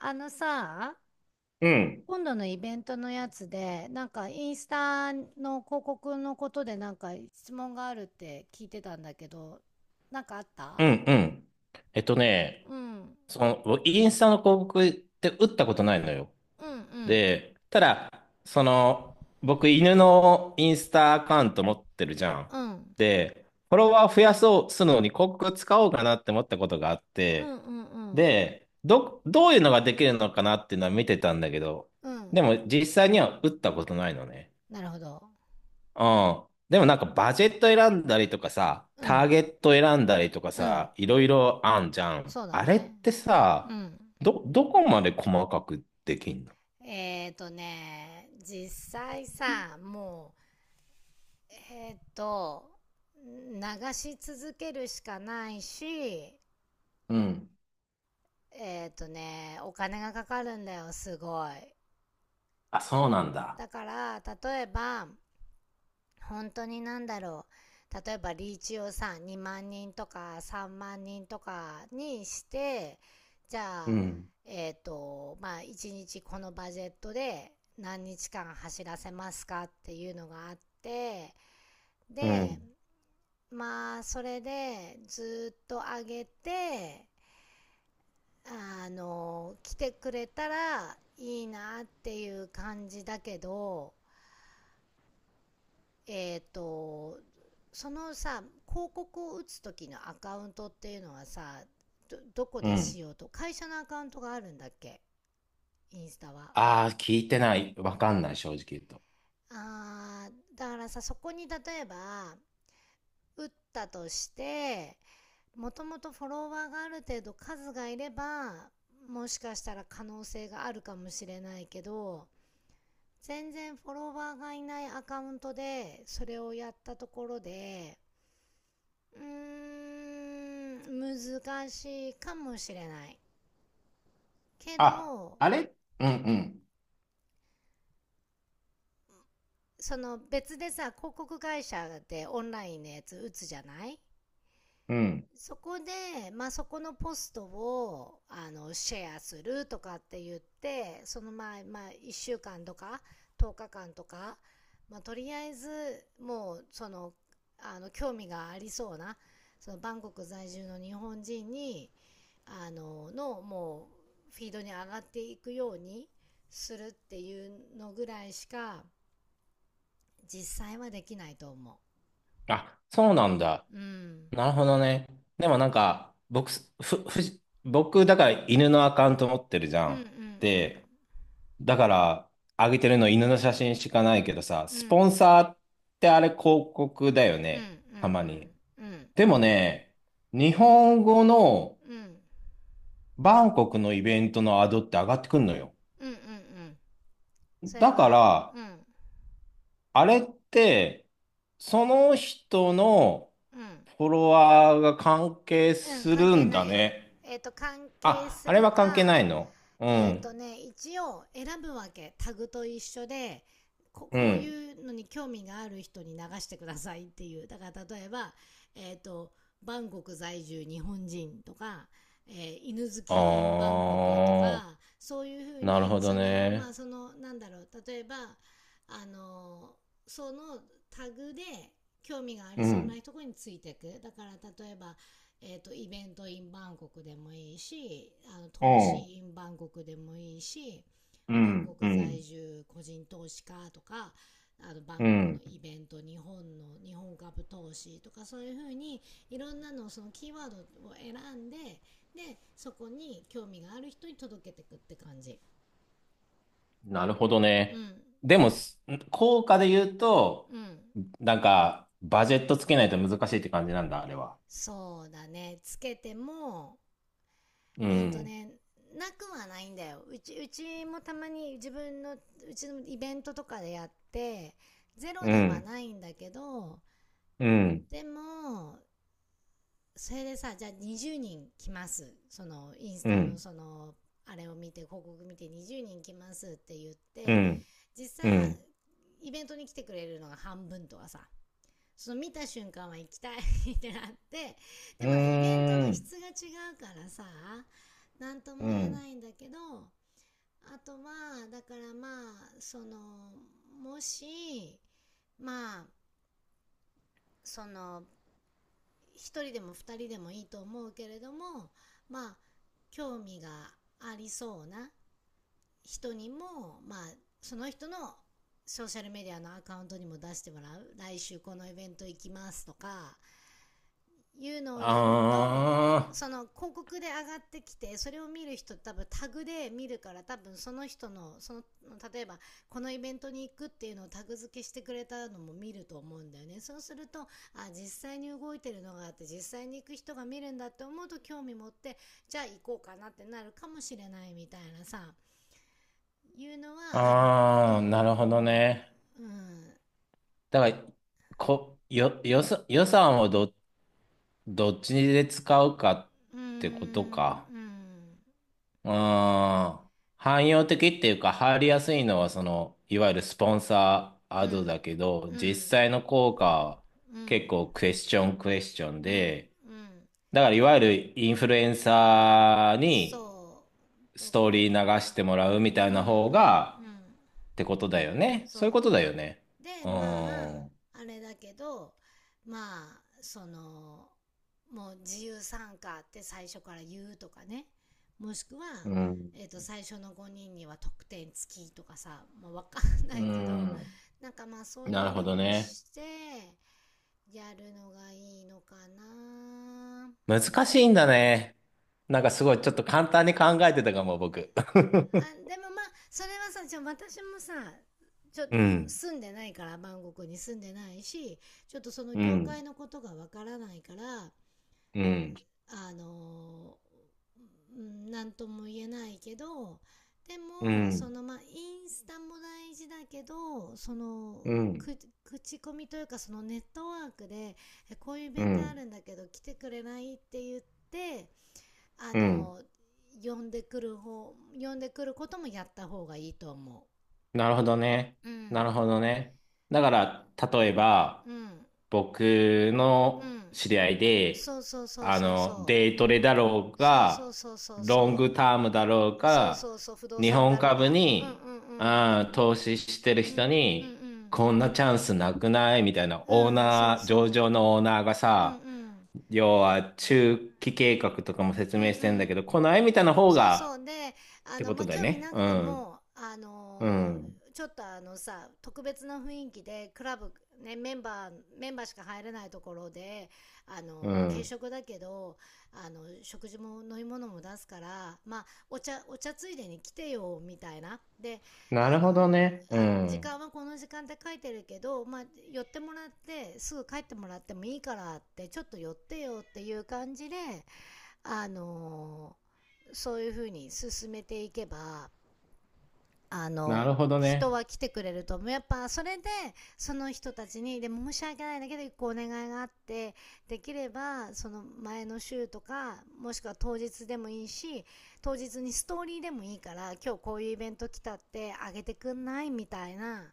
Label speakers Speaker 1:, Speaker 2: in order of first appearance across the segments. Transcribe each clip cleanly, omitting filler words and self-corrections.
Speaker 1: あのさ、
Speaker 2: うん、
Speaker 1: 今度のイベントのやつで、なんかインスタの広告のことでなんか質問があるって聞いてたんだけど、なんかあっ
Speaker 2: う
Speaker 1: た？
Speaker 2: ん、うん。えっとね、
Speaker 1: うん。
Speaker 2: その、インスタの広告って打ったことないのよ。
Speaker 1: うんうん。
Speaker 2: で、ただ、その、僕、犬のインスタアカウント持ってるじゃん。
Speaker 1: うん。
Speaker 2: で、フォロワー増やそうするのに広告使おうかなって思ったことがあっ
Speaker 1: うん
Speaker 2: て、
Speaker 1: うんうん。
Speaker 2: で、どういうのができるのかなっていうのは見てたんだけど、
Speaker 1: うん。
Speaker 2: でも実際には打ったことないのね。
Speaker 1: なるほど。
Speaker 2: うん。でもなんかバジェット選んだりとかさ、
Speaker 1: う
Speaker 2: タ
Speaker 1: ん。
Speaker 2: ーゲット選んだりとか
Speaker 1: うん。
Speaker 2: さ、いろいろあんじゃん。
Speaker 1: そうだ
Speaker 2: あれっ
Speaker 1: ね。
Speaker 2: て
Speaker 1: う
Speaker 2: さ、
Speaker 1: ん。
Speaker 2: どこまで細かくできんの？
Speaker 1: 実際さ、もう、流し続けるしかないし、
Speaker 2: うん、
Speaker 1: お金がかかるんだよ、すごい。
Speaker 2: あ、そうなんだ。
Speaker 1: だから、例えば、本当になんだろう。例えば、リーチをさ、2万人とか3万人とかにして、じゃ
Speaker 2: う
Speaker 1: あ、
Speaker 2: ん。
Speaker 1: まあ、1日このバジェットで何日間走らせますかっていうのがあって、
Speaker 2: う
Speaker 1: で、
Speaker 2: ん。
Speaker 1: まあ、それでずっと上げて、あの、来てくれたらいいなっていう感じだけど、えっ、と、そのさ、広告を打つ時のアカウントっていうのはさ、どこ
Speaker 2: う
Speaker 1: でし
Speaker 2: ん。
Speaker 1: ようと、会社のアカウントがあるんだっけ？インスタは。
Speaker 2: ああ、聞いてない。わかんない、正直言うと。
Speaker 1: あー、だからさ、そこに例えば、打ったとして、もともとフォロワーがある程度数がいれば、もしかしたら可能性があるかもしれないけど、全然フォロワーがいないアカウントでそれをやったところで、うーん、難しいかもしれない。け
Speaker 2: あ、
Speaker 1: ど、
Speaker 2: あれうんうん。
Speaker 1: その別でさ、広告会社でオンラインのやつ打つじゃない？
Speaker 2: うん、
Speaker 1: そこで、まあ、そこのポストをあのシェアするとかって言って、そのまあまあ、1週間とか10日間とか、まあ、とりあえず、もう、その、あの、興味がありそうな、そのバンコク在住の日本人に、あののもうフィードに上がっていくようにするっていうのぐらいしか実際はできないと思
Speaker 2: あ、そうなんだ。
Speaker 1: う。うん、
Speaker 2: なるほどね。でもなんか、僕、ふ、ふじ、僕、だから犬のアカウント持ってるじゃ
Speaker 1: うんう
Speaker 2: ん。
Speaker 1: ん
Speaker 2: で、だから、あげてるの犬の写真しかないけどさ、
Speaker 1: うんう
Speaker 2: ス
Speaker 1: ん
Speaker 2: ポンサーってあれ広告だよ
Speaker 1: うんうんう
Speaker 2: ね。た
Speaker 1: ん
Speaker 2: まに。
Speaker 1: うん
Speaker 2: でもね、日本語の
Speaker 1: うんうん
Speaker 2: バンコクのイベントのアドって上がってくんのよ。
Speaker 1: うんうん。それ
Speaker 2: だか
Speaker 1: は、
Speaker 2: ら、
Speaker 1: うんうん
Speaker 2: あれって、その人のフォロワーが関係
Speaker 1: うん、
Speaker 2: す
Speaker 1: 関
Speaker 2: る
Speaker 1: 係
Speaker 2: ん
Speaker 1: な
Speaker 2: だ
Speaker 1: いよ。
Speaker 2: ね。
Speaker 1: 関係
Speaker 2: あ、
Speaker 1: す
Speaker 2: あれ
Speaker 1: る
Speaker 2: は関係
Speaker 1: か。
Speaker 2: ないの？うん。
Speaker 1: 一応選ぶわけ。タグと一緒で、こ
Speaker 2: う
Speaker 1: こう
Speaker 2: ん。
Speaker 1: いうのに興味がある人に流してくださいっていう。だから例えば、えっ、と、バンコク在住日本人とか、犬好
Speaker 2: あ
Speaker 1: き in バンコクと
Speaker 2: ー、
Speaker 1: か、そういうふう
Speaker 2: なるほ
Speaker 1: に、
Speaker 2: ど
Speaker 1: その、ま
Speaker 2: ね。
Speaker 1: あその、なんだろう、例えば、あの、そのタグで興味があ
Speaker 2: う
Speaker 1: りそう
Speaker 2: ん。
Speaker 1: なところについていく。だから例えば、イベントインバンコクでもいいし、あの、
Speaker 2: う
Speaker 1: 投資
Speaker 2: ん。
Speaker 1: インバンコクでもいいし、
Speaker 2: う
Speaker 1: バンコ
Speaker 2: ん。う
Speaker 1: ク在
Speaker 2: ん。
Speaker 1: 住個人投資家とか、あの、バ
Speaker 2: う
Speaker 1: ンコク
Speaker 2: ん。
Speaker 1: のイベント、日本株投資とか、そういうふうに、いろんなの、そのキーワードを選んで、で、そこに興味がある人に届けてくって感じ。
Speaker 2: なるほど
Speaker 1: う
Speaker 2: ね。
Speaker 1: ん。
Speaker 2: でも、効果で言うと、
Speaker 1: うん。
Speaker 2: なんか、バジェットつけないと難しいって感じなんだ、あれは。
Speaker 1: そうだね。つけても、
Speaker 2: う
Speaker 1: えっと
Speaker 2: ん。
Speaker 1: ね、なくはないんだよ。うちもたまに自分の、うちのイベントとかでやって、ゼロ
Speaker 2: う
Speaker 1: では
Speaker 2: ん。
Speaker 1: ないんだけど、
Speaker 2: うん。
Speaker 1: でも、それでさ、じゃあ20人来ます。その、インス
Speaker 2: う
Speaker 1: タの
Speaker 2: ん。
Speaker 1: その、あれを見て、広告見て20人来ますって言っ
Speaker 2: う
Speaker 1: て、
Speaker 2: ん。
Speaker 1: 実際、
Speaker 2: うん。
Speaker 1: イベントに来てくれるのが半分とかさ、その見た瞬間は行きたい ってなって、
Speaker 2: う
Speaker 1: で
Speaker 2: ー
Speaker 1: もほら、イベントの質
Speaker 2: ん。
Speaker 1: が違うからさ、なんと
Speaker 2: う
Speaker 1: も言え
Speaker 2: ん。
Speaker 1: ないんだけど、あとは、だからまあ、その、もし、まあ、その、一人でも二人でもいいと思うけれども、まあ、興味がありそうな人にも、まあ、その人のソーシャルメディアのアカウントにも出してもらう。来週このイベント行きますとか、いうのをやると、
Speaker 2: あ
Speaker 1: そ
Speaker 2: ー。
Speaker 1: の広告で上がってきてそれを見る人、多分タグで見るから、多分その人の、その、例えばこのイベントに行くっていうのをタグ付けしてくれたのも見ると思うんだよね。そうすると、実際に動いてるのがあって実際に行く人が見るんだって思うと興味持って、じゃあ行こうかなってなるかもしれないみたいなさ、いうのはあると
Speaker 2: あー、なるほど
Speaker 1: 思
Speaker 2: ね。
Speaker 1: う。うん
Speaker 2: だから、こ、よ、予算予算をどっちで使うかっ
Speaker 1: うんう
Speaker 2: てことか。
Speaker 1: ん
Speaker 2: うーん。汎用的っていうか、入りやすいのは、その、いわゆるスポンサー
Speaker 1: う
Speaker 2: アド
Speaker 1: ん
Speaker 2: だけど、
Speaker 1: う
Speaker 2: 実
Speaker 1: ん
Speaker 2: 際の効果は
Speaker 1: う
Speaker 2: 結
Speaker 1: ん
Speaker 2: 構クエスチョンクエスチョン
Speaker 1: うん、
Speaker 2: で、
Speaker 1: うん、
Speaker 2: だからいわゆるインフルエンサーに
Speaker 1: そう、
Speaker 2: ス
Speaker 1: と、
Speaker 2: トーリー流してもらうみたい
Speaker 1: うん、う
Speaker 2: な
Speaker 1: ん、うん、
Speaker 2: 方が、ってことだよね。そうい
Speaker 1: そ
Speaker 2: うことだよ
Speaker 1: う。
Speaker 2: ね。
Speaker 1: で、
Speaker 2: う
Speaker 1: ま
Speaker 2: ー
Speaker 1: あ、
Speaker 2: ん。
Speaker 1: あれだけど、まあ、その、もう自由参加って最初から言うとかね、もしくは、
Speaker 2: うん。
Speaker 1: 最初の5人には得点付きとかさ、まあ、わかんな
Speaker 2: うー
Speaker 1: いけど、
Speaker 2: ん。
Speaker 1: なんかまあそう
Speaker 2: な
Speaker 1: い
Speaker 2: る
Speaker 1: う
Speaker 2: ほど
Speaker 1: のを
Speaker 2: ね。
Speaker 1: してやるのがいいのかな。
Speaker 2: 難しいんだね。なんかすごい、ちょっと簡単に考えてたかも、僕。
Speaker 1: あ、 でもまあそれはさ、じゃあ私もさ、ちょっ
Speaker 2: う
Speaker 1: と
Speaker 2: ん
Speaker 1: 住んでないからバンコクに住んでないし、ちょっとその
Speaker 2: う
Speaker 1: 業界
Speaker 2: ん、
Speaker 1: のことがわからないから、
Speaker 2: うん、
Speaker 1: あの、うなんとも言えないけど、で
Speaker 2: う
Speaker 1: もそ
Speaker 2: ん、
Speaker 1: のまあインスタも大事だけど、その、
Speaker 2: うん、
Speaker 1: く口コミというかそのネットワークで、こういうイ
Speaker 2: う
Speaker 1: ベントあ
Speaker 2: ん、
Speaker 1: るんだけど来てくれないって言って、あ
Speaker 2: うん。
Speaker 1: の、呼んでくる方呼んでくることもやった方がいいと思
Speaker 2: なるほどね。
Speaker 1: う。う
Speaker 2: な
Speaker 1: ん
Speaker 2: るほどね。だから、例えば、
Speaker 1: うん
Speaker 2: 僕
Speaker 1: う
Speaker 2: の
Speaker 1: ん、
Speaker 2: 知り合いで、
Speaker 1: そうそうそうそうそう、
Speaker 2: デイトレだろう
Speaker 1: そうそ
Speaker 2: が、
Speaker 1: うそうそう
Speaker 2: ロン
Speaker 1: そ
Speaker 2: グ
Speaker 1: う
Speaker 2: タームだろう
Speaker 1: そう
Speaker 2: が、
Speaker 1: そう、そう不動
Speaker 2: 日
Speaker 1: 産
Speaker 2: 本
Speaker 1: だろう
Speaker 2: 株
Speaker 1: が、うん
Speaker 2: に、
Speaker 1: うんうん
Speaker 2: 投資してる
Speaker 1: うん
Speaker 2: 人
Speaker 1: う
Speaker 2: に、
Speaker 1: ん
Speaker 2: こんなチャンスなくないみたいな、
Speaker 1: う
Speaker 2: オー
Speaker 1: んうん、そう
Speaker 2: ナー、上
Speaker 1: そ
Speaker 2: 場のオーナーが
Speaker 1: う、うんう
Speaker 2: さ、
Speaker 1: ん
Speaker 2: 要は中期計画とかも説
Speaker 1: うんう
Speaker 2: 明してんだけ
Speaker 1: ん、
Speaker 2: ど、この絵みたいな方
Speaker 1: そう
Speaker 2: が
Speaker 1: そうで、
Speaker 2: っ
Speaker 1: あ
Speaker 2: て
Speaker 1: の、
Speaker 2: こ
Speaker 1: ま
Speaker 2: と
Speaker 1: あ、
Speaker 2: だよ
Speaker 1: 興味
Speaker 2: ね。
Speaker 1: なく
Speaker 2: う
Speaker 1: て
Speaker 2: ん。
Speaker 1: も、
Speaker 2: うん。
Speaker 1: ちょっとあのさ特別な雰囲気でクラブ、ね、メンバーしか入れないところで、
Speaker 2: う
Speaker 1: 軽
Speaker 2: ん。
Speaker 1: 食だけど、あの食事も飲み物も出すから、まあ、お茶ついでに来てよみたいなで、
Speaker 2: な
Speaker 1: あ
Speaker 2: る
Speaker 1: の
Speaker 2: ほ
Speaker 1: ー
Speaker 2: どね。う
Speaker 1: 時
Speaker 2: ん。
Speaker 1: 間はこの時間って書いてるけど、まあ、寄ってもらってすぐ帰ってもらってもいいからってちょっと寄ってよっていう感じで、あのそういうふうに進めていけば、あ
Speaker 2: な
Speaker 1: の、
Speaker 2: るほど
Speaker 1: 人
Speaker 2: ね。
Speaker 1: は来てくれると思う。やっぱそれで、その人たちに、でも申し訳ないんだけど、一個お願いがあって、できれば、その前の週とか、もしくは当日でもいいし、当日にストーリーでもいいから、今日こういうイベント来たって、あげてくんないみたいな、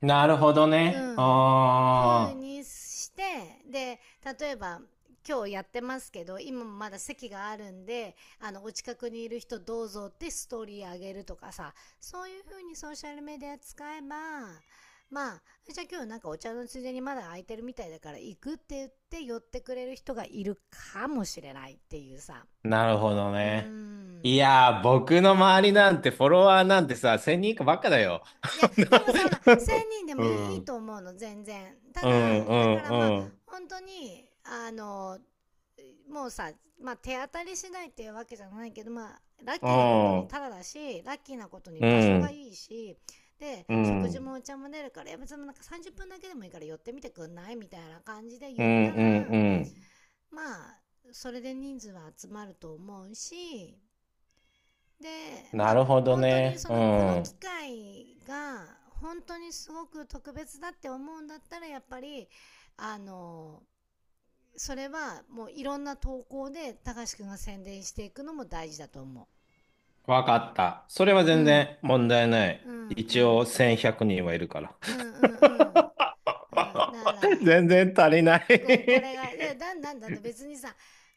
Speaker 2: なるほど
Speaker 1: う
Speaker 2: ね。
Speaker 1: ん、風
Speaker 2: あ
Speaker 1: にして、で、例えば、今日やってますけど、今もまだ席があるんで、あの、お近くにいる人どうぞってストーリーあげるとかさ、そういう風にソーシャルメディア使えば、まあ、じゃあ今日なんかお茶のついでにまだ空いてるみたいだから行くって言って寄ってくれる人がいるかもしれないっていうさ。
Speaker 2: あ、なるほど
Speaker 1: うー
Speaker 2: ね。い
Speaker 1: ん。
Speaker 2: やー、僕の周りなんてフォロワーなんてさ、1000人以下ばっかだよ。
Speaker 1: いや、でもさ、ほら、1000人で
Speaker 2: う
Speaker 1: もいいい
Speaker 2: ん。う
Speaker 1: い
Speaker 2: ん、
Speaker 1: と思うの、全然。た
Speaker 2: う
Speaker 1: だ、
Speaker 2: ん、
Speaker 1: だからまあ、
Speaker 2: うん。
Speaker 1: 本当に、あの、もうさ、まあ、手当たり次第っていうわけじゃないけど、まあ、ラッ
Speaker 2: う
Speaker 1: キーなことに
Speaker 2: ん。
Speaker 1: タダだし、ラッキーなことに
Speaker 2: う
Speaker 1: 場所が
Speaker 2: ん。
Speaker 1: いいし、で、
Speaker 2: う
Speaker 1: 食
Speaker 2: ん、う
Speaker 1: 事も
Speaker 2: ん、
Speaker 1: お茶も出るから、いや、別になんか30分だけでもいいから寄ってみてくんないみたいな感じで
Speaker 2: う
Speaker 1: 言
Speaker 2: ん。
Speaker 1: ったら、
Speaker 2: うん、
Speaker 1: まあ、それで人数は集まると思うし、で、ま
Speaker 2: な
Speaker 1: あ、
Speaker 2: るほど
Speaker 1: 本当に
Speaker 2: ね。
Speaker 1: そ
Speaker 2: う
Speaker 1: の、この機
Speaker 2: ん。
Speaker 1: 会が、本当にすごく特別だって思うんだったら、やっぱり、あの、それはもういろんな投稿で、高橋くんが宣伝していくのも大事だと思
Speaker 2: わかった。それは
Speaker 1: う。う
Speaker 2: 全
Speaker 1: ん。
Speaker 2: 然問題ない。
Speaker 1: うんう
Speaker 2: 一応
Speaker 1: ん。
Speaker 2: 1100人はいるから。
Speaker 1: うんうんうん。うん。だか ら、
Speaker 2: 全然足りな
Speaker 1: こ、こ
Speaker 2: い。
Speaker 1: れが、いや、だんだんだって別にさ、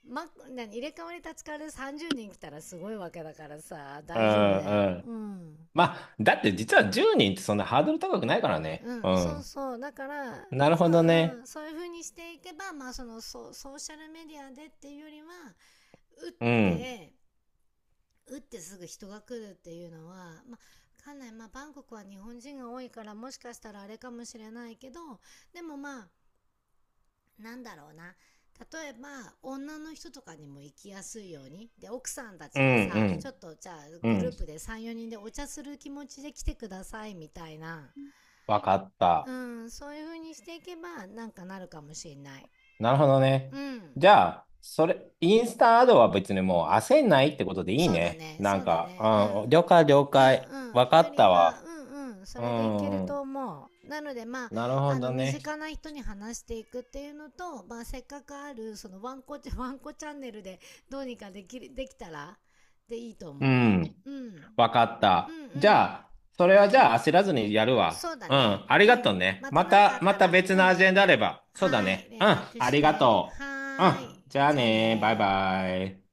Speaker 1: ま、何、入れ替わり立ち替わりで30人来たらすごいわけだからさ、
Speaker 2: う
Speaker 1: 大丈夫だよ。
Speaker 2: んうん。
Speaker 1: うん。
Speaker 2: まあ、だって実は10人ってそんなハードル高くないからね。
Speaker 1: う
Speaker 2: う
Speaker 1: んそう
Speaker 2: ん。
Speaker 1: そうだから、
Speaker 2: なる
Speaker 1: そ
Speaker 2: ほ
Speaker 1: う、
Speaker 2: ど
Speaker 1: う
Speaker 2: ね。
Speaker 1: ん、そういう風にしていけば、まあ、そのそうソーシャルメディアでっていうよりは、打っ
Speaker 2: うん。
Speaker 1: て打ってすぐ人が来るっていうのは、まあ、わかんない、まあ、バンコクは日本人が多いからもしかしたらあれかもしれないけど、でもまあなんだろうな、例えば、女の人とかにも行きやすいように、で奥さんた
Speaker 2: う
Speaker 1: ちがさちょ
Speaker 2: ん
Speaker 1: っとじゃあ
Speaker 2: うん。う
Speaker 1: グルー
Speaker 2: ん。
Speaker 1: プで34人でお茶する気持ちで来てくださいみたいな、
Speaker 2: わかっ
Speaker 1: う
Speaker 2: た。
Speaker 1: ん、そういう風にしていけば、なんかなるかもしれない。
Speaker 2: なるほど
Speaker 1: う
Speaker 2: ね。
Speaker 1: ん。
Speaker 2: じゃあ、それ、インスタアドは別にもう焦んないってことでいい
Speaker 1: そうだ
Speaker 2: ね。
Speaker 1: ね、
Speaker 2: な
Speaker 1: そ
Speaker 2: ん
Speaker 1: うだ
Speaker 2: か、
Speaker 1: ね、う
Speaker 2: うん。
Speaker 1: ん。
Speaker 2: 了解了
Speaker 1: う
Speaker 2: 解。
Speaker 1: ん
Speaker 2: わ
Speaker 1: うん。
Speaker 2: か
Speaker 1: よ
Speaker 2: っ
Speaker 1: り
Speaker 2: た
Speaker 1: は、
Speaker 2: わ。
Speaker 1: うんうん。そ
Speaker 2: う
Speaker 1: れでいける
Speaker 2: んう
Speaker 1: と
Speaker 2: ん。
Speaker 1: 思う。なので、まあ、
Speaker 2: なるほ
Speaker 1: あの、
Speaker 2: ど
Speaker 1: 身
Speaker 2: ね。
Speaker 1: 近な人に話していくっていうのと、まあ、せっかくある、その、ワンコ、ワンコチャンネルでどうにかできる、できたら、でいいと
Speaker 2: う
Speaker 1: 思
Speaker 2: ん。
Speaker 1: う。うん。
Speaker 2: わかっ
Speaker 1: うん
Speaker 2: た。
Speaker 1: う
Speaker 2: じゃ
Speaker 1: ん。
Speaker 2: あ、それはじゃあ焦らずにやるわ。
Speaker 1: そうだ
Speaker 2: う
Speaker 1: ね。
Speaker 2: ん、ありが
Speaker 1: うん。
Speaker 2: とうね。
Speaker 1: また
Speaker 2: ま
Speaker 1: なんかあ
Speaker 2: た、
Speaker 1: っ
Speaker 2: ま
Speaker 1: た
Speaker 2: た
Speaker 1: ら、
Speaker 2: 別
Speaker 1: う
Speaker 2: の
Speaker 1: ん。
Speaker 2: アジェンダあれば。そうだ
Speaker 1: はい。
Speaker 2: ね。う
Speaker 1: 連
Speaker 2: ん、
Speaker 1: 絡
Speaker 2: あ
Speaker 1: し
Speaker 2: りが
Speaker 1: て。
Speaker 2: とう。う
Speaker 1: はーい。
Speaker 2: ん、じゃあ
Speaker 1: じゃあ
Speaker 2: ね、バイ
Speaker 1: ねー
Speaker 2: バイ。